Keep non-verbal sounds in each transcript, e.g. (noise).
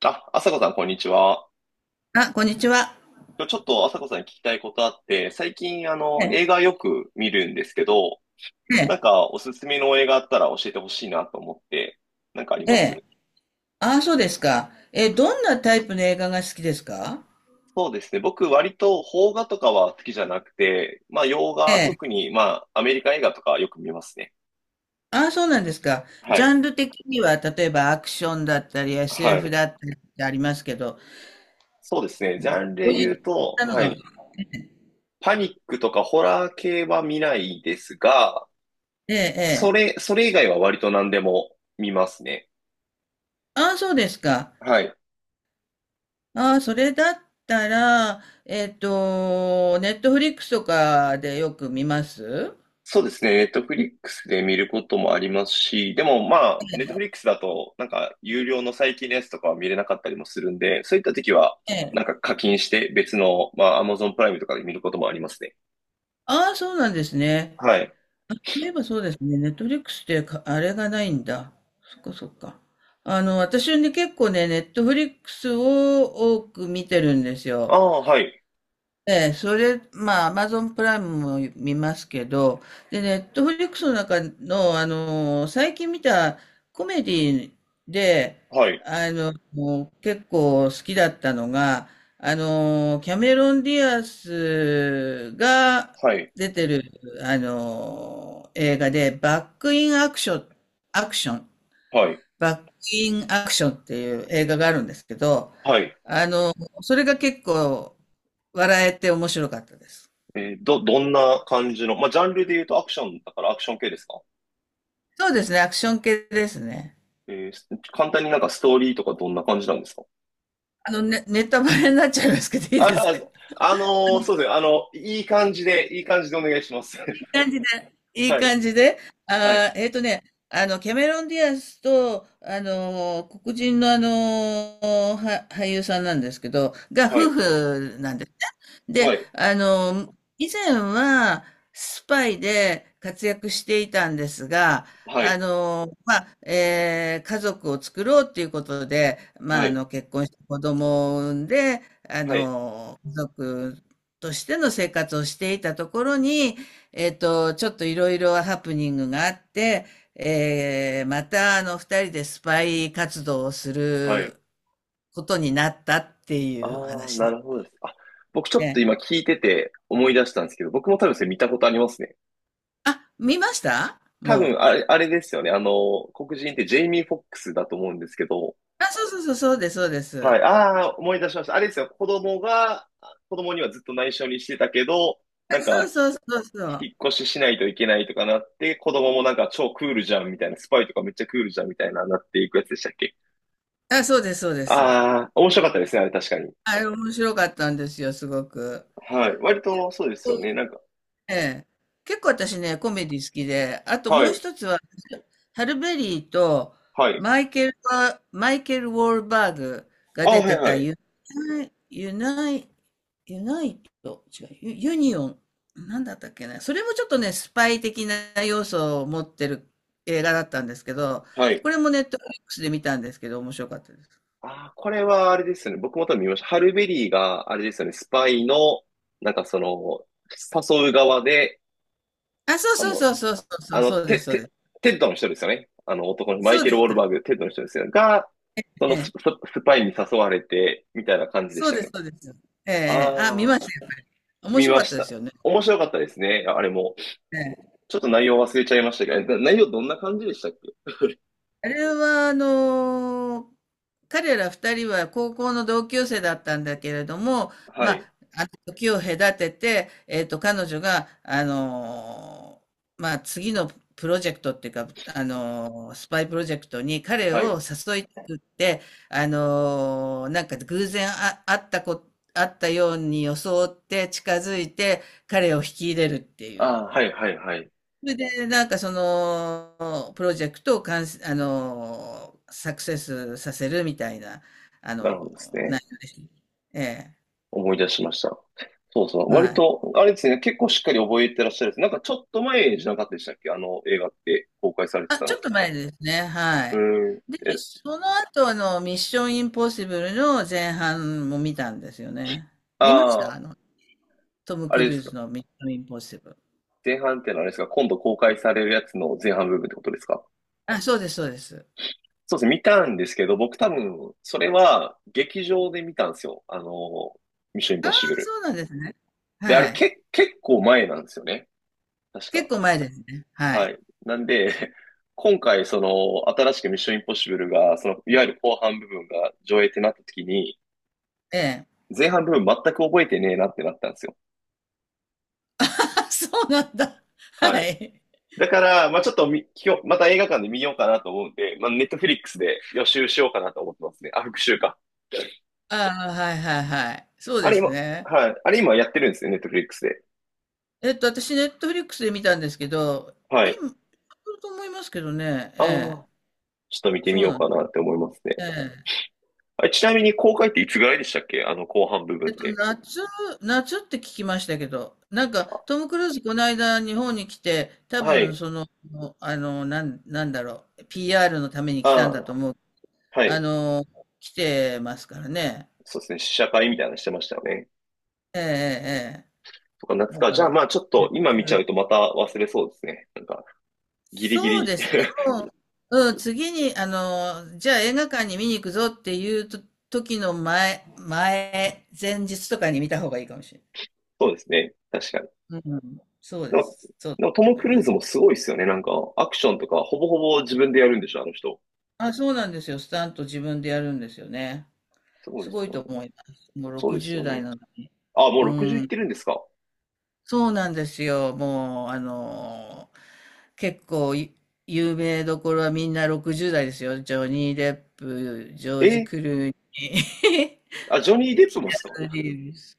あ、朝子さん、こんにちは。あ、こんにちは。今日ちょっと朝子さんに聞きたいことあって、最近、ええ、映画よく見るんですけど、えなんえ、か、おすすめの映画あったら教えてほしいなと思って、なんかありえまえ。す？ああ、そうですか。ええ、どんなタイプの映画が好きですか？そうですね。僕、割と、邦画とかは好きじゃなくて、まあ、洋え画、え。特に、まあ、アメリカ映画とかよく見ますね。ああ、そうなんですか。はジャい。ンル的には、例えばアクションだったり、は SF い。だったりってありますけど、そうですね。ジャンルこでういっ言うと、たのはが、い。パニックとかホラー系は見ないですが、ええ、そええ。れ、それ以外は割と何でも見ますね。ああ、そうですか。はい。ああ、それだったら、ネットフリックスとかでよく見ます？そうですね。ネットフリックスで見ることもありますし、でもまあ、ネットフリックスだと、なんか、有料の最近のやつとかは見れなかったりもするんで、そういった時は、ええ。なんか課金して別の、まあ、Amazon プライムとかで見ることもありますね。ああ、そうなんですね。はい。そういえばそうですね。ネットフリックスってか、あれがないんだ。そっかそっか。私ね、結構ね、ネットフリックスを多く見てるんですあよ。あ、はい。ええ、それ、まあ、アマゾンプライムも見ますけど、で、ネットフリックスの中の、最近見たコメディで、はい。もう結構好きだったのが、キャメロン・ディアスがはい。出てる、映画で、バック・イン・アクション、アクションっはい。バッキンアクションっていう映画があるんですけど、はい。あの、それが結構笑えて面白かったです。どんな感じの、まあ、ジャンルで言うとアクションだからアクション系ですか？そうですね、アクション系ですね。えーす簡単になんかストーリーとかどんな感じなんですか？ね、ネタバレになっちゃいますけどいいですあか？あ、のそうですね。いい感じで、いい感じでお願いします。(laughs) い感じで、いいはい。感じで、はい。あーえっとね、キャメロン・ディアスと、黒人の俳優さんなんですけど、がは夫い。婦なんですね。はで、い、以前はスパイで活躍していたんですが、はい、まあ、家族を作ろうっていうことで、まあ、はい、結婚して子供を産んで、はい。家族としての生活をしていたところに、ちょっといろいろハプニングがあって、またあの二人でスパイ活動をすはい。ることになったっていあうあ、話ななんでるほどです。あ、僕ちょすっとね。今聞いてて思い出したんですけど、僕も多分それ見たことありますね。あ、見ました多分もあれですよね。黒人ってジェイミー・フォックスだと思うんですけど、う。あ、そうそうそう、そうです、そうではす。い。ああ、思い出しました。あれですよ。子供にはずっと内緒にしてたけど、なんそうか、そうそうそう。引っ越ししないといけないとかなって、子供もなんか超クールじゃんみたいな、スパイとかめっちゃクールじゃんみたいな、なっていくやつでしたっけ？あ、そうです、そうです。ああー、面白かったですね、あれ確かに。あれ面白かったんですよ、すごく。はい。割とそうですよね。なんか、ええ。結構私ね、コメディ好きで、あとはもうい。一つはハルベリーとはい。マイケル・ウォールバーグがあ、出はていはたい。ユナイ、ユナイ、ユナイト、違う、ユ、ユニオン、なんだったっけな。それもちょっとね、スパイ的な要素を持ってる映画だったんですけど、はい。これもネットフリックスで見たんですけど、面白かったです。あー、これはあれですよね。僕も多分見ました。ハルベリーが、あれですよね。スパイの、なんかその、誘う側で、あ、そうあそうの、そうそうそうそあう、の、そうでテ、す、そうでテ、す。テッドの人ですよね。あの男のマそイうケル・でウォす。ールバーグ、テッドの人ですよね。が、そえのス、スえ、スパイに誘われて、みたいな感じでそしうたよです、ね。そうです。ええ、ええあ、見あまあ、した、やっぱり。面見白かまっしたですた。よね。面白かったですね。あれも。ええ。ちょっと内容忘れちゃいましたけど、内容どんな感じでしたっけ？あれは、彼ら二人は高校の同級生だったんだけれども、はまい。あ、あの時を隔てて、彼女が、まあ、次のプロジェクトっていうか、スパイプロジェクトに彼はい。を誘いたくって、なんか偶然あ、あったこ、会ったように装って近づいて彼を引き入れるっていあう。あ、はいはいはい。それで、なんかその、プロジェクトを完成あの、サクセスさせるみたいな、あなるの、ほどですね。内容でした。ええ、思い出しました。そうそう。は割い。と、あれですね、結構しっかり覚えてらっしゃるんです。なんかちょっと前じゃなかったでしたっけ？あの映画って公開されてあ、たちょの。っと前ですね、はうい。ーん。で、え、その後、ミッションインポッシブルの前半も見たんですよね。見ましあた。あ、トム・あクれでルーすか。ズのミッションインポッシブル。前半ってのはあれですか。今度公開されるやつの前半部分ってことですか。あ、そうです、そうです。そうですね。見たんですけど、僕多分、それは劇場で見たんですよ。ミッションインあポッあ、シブル。そうなんですね。で、あれはい。け、結構前なんですよね。確結か。構前ですね。ははい。い。なんで、(laughs) 今回、新しくミッションインポッシブルが、いわゆる後半部分が上映ってなった時に、ええ。前半部分全く覚えてねえなってなったんですよ。(laughs) あ、そうなんだ。ははい。い。だから、まあちょっと、今日、また映画館で見ようかなと思うんで、まあネットフリックスで予習しようかなと思ってますね。あ、復習か。ああ、はいはいはい。そうあでれす今、ね。はい。あれ今やってるんですよ、ネットフリックスで。私、ネットフリックスで見たんですけど、はい。今、いると思いますけどね、ああ、ええ、ちょっと見てみそうようなんでかす。なって思いますえね。え。あ、ちなみに公開っていつぐらいでしたっけ？あの後半部分っえっと、て。夏、夏って聞きましたけど、なんか、トム・クルーズ、この間、日本に来て、多は分、い。その、なんだろう、PR のために来たんだとああ、思う。はあい。の、来てますからね。そうですね、試写会みたいなのしてましたよね。ええ、ええ、えとか、え。夏だか。かじゃあら、まあちょっと今見ちゃ夏。うとまた忘れそうですね。なんか、ギリギそうリ。ですね。(laughs) もう、うん、次に、じゃあ映画館に見に行くぞっていうと時の前日とかに見た方がいいかもしれそうですね。確かに。ない。うん、そうででも、す。そうだとでもトム・思いクルまーズす。もすごいですよね。なんか、アクションとかほぼほぼ自分でやるんでしょ、あの人。あ、そうなんですよ。スタント自分でやるんですよね。すごいすでごすいよとね。思います。もうそうですよ60ね。代なのに。あ、もうう60いっん、てるんですか？そうなんですよ。もう、結構い有名どころはみんな60代ですよ。ジョニー・デップ、ジョえージ・ークルーニあ、ジョニー。ー・ (laughs) デップキもっすか？アヌ・リーブス。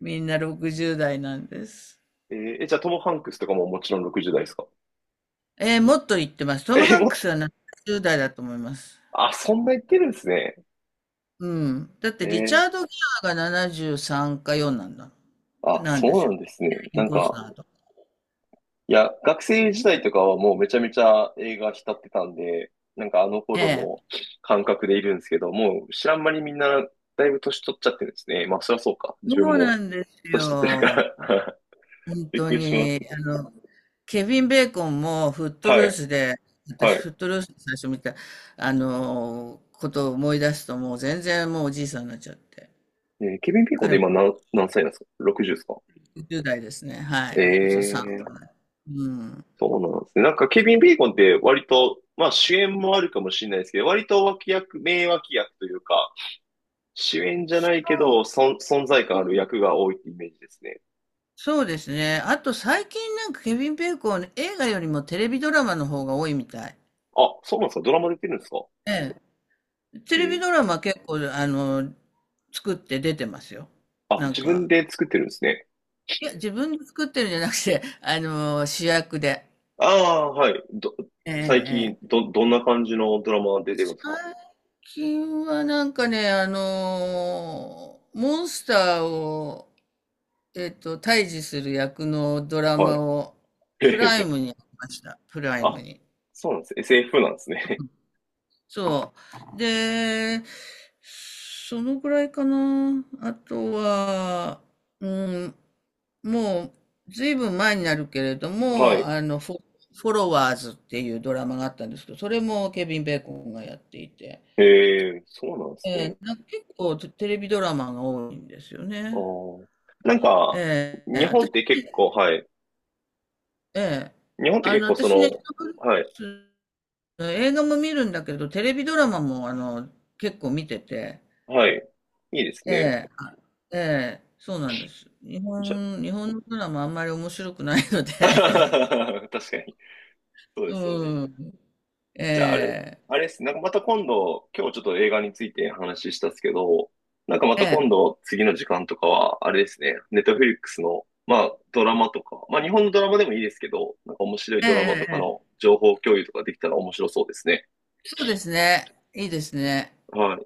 みんな60代なんです。えーえじゃあトム・ハンクスとかももちろん60代ですか？もっと言ってます。トえム・ーハンもクスっ、は70代だと思います。あ、そんないってるんですね。うん。だっえてリチーャード・ギアが73か4なんだ。あ、なんそですうなよ。んですね。イなンんコスか、ナーと。いや、学生時代とかはもうめちゃめちゃ映画浸ってたんで、なんかあのえ頃え。の感覚でいるんですけど、もう知らん間にみんなだいぶ年取っちゃってるんですね。まあそりゃそうか。自分そうもなんです年取ってるかよ。ら 本 (laughs) びっ当くりしますに。ね。ケビン・ベーコンもフットはルーい、スで、は私い。フットルースで最初見た、ことを思い出すともう全然もうおじいさんになっちゃって。ケビン・ビーコンって彼今何歳なんですか ?60 ですか？10代ですね。はえい、63えぐー、らい。うん。そうなんですね。なんかケビン・ビーコンって割と、まあ主演もあるかもしれないですけど、割と脇役、名脇役というか、主演じゃないけそど、う、存在感あそるう、役が多いってイメージですね。そうですね。あと最近なんかケビン・ベーコン、映画よりもテレビドラマの方が多いみたい。あ、そうなんですか。ドラマ出てるんですか。ええ。テえレビードラマ結構、作って出てますよ。あ、なん自分か、で作ってるんですね。いや、自分で作ってるんじゃなくて、(laughs) 主役で。ああ、はい。ええ、最え近、え。どんな感じのドラマ出てるんですか？最近はなんかね、モンスターを、対峙する役のドラはマい。をへへプライへ。ムにやりました。プライムあ、に。そうなんです。SF なんですね。そう。で、そのぐらいかな。あとは、うん、もう、ずいぶん前になるけれど (laughs) はも、い。フォロワーズっていうドラマがあったんですけど、それもケビン・ベーコンがやっていて、へえ、そうなんですね。なんか結構テテレビドラマが多いんですよあね。ーなんか、え日ー、本っ私、て結構、はい。えー、日本ってあ結の、構そ私ね、の、はい。映画も見るんだけど、テレビドラマも結構見てて、はい。いいですえね。え、ええ、そうなんです。じゃ、日本のドラマあんまり面白くないので、(laughs) (laughs) 確かに。そうですよね。うん、えじゃあ、え、あれっす。なんかまた今度、今日ちょっと映画について話したっすけど、なんかまえたえ、今度、次の時間とかは、あれですね、ネットフリックスの、まあ、ドラマとか、まあ、日本のドラマでもいいですけど、なんか面白いえドラマえ、とかえのえ。情報共有とかできたら面白そうですね。そうですね。いいですね。はい。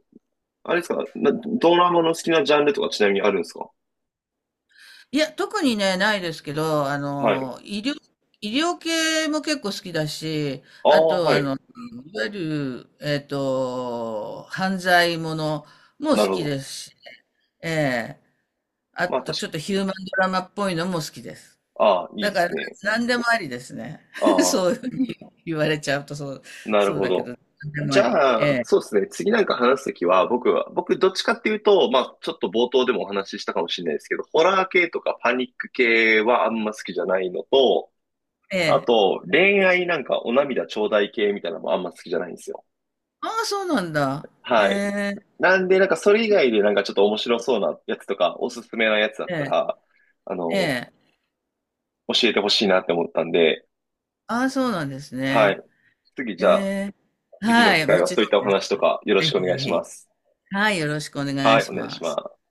あれですか、ドラマの好きなジャンルとかちなみにあるんですか？いや、特にね、ないですけど、はい。医療系も結構好きだし、あああ、と、はい。いわゆる、犯罪ものもなる好ほきど。ですしね、ええ。あまあ、と確ちょっとヒか、ューマンドラマっぽいのも好きです。ああ、いいだでかすらね。何でもありですね。(laughs) あそあ、ういうふうに言われちゃうとなるそうほだけど。ど、何でもじあり。ゃえあ、そうえ、ですね。次なんか話すときは、僕どっちかっていうと、まあ、ちょっと冒頭でもお話ししたかもしれないですけど、ホラー系とかパニック系はあんま好きじゃないのと、えあえ。と、恋愛なんかお涙頂戴系みたいなのもあんま好きじゃないんですよ。ああ、そうなんだ。へはい。え、なんで、なんかそれ以外でなんかちょっと面白そうなやつとか、おすすめなやつだっえたえ、ら、あえの、え。教えてほしいなって思ったんで、ああ、そうなんですはね。い。えじゃあ、え。次のは機い、会もはちそうろいっんたおです。話とかよろしぜくおひぜ願いしまひ。す。はい、よろしくお願いはい、しお願いしまます。す。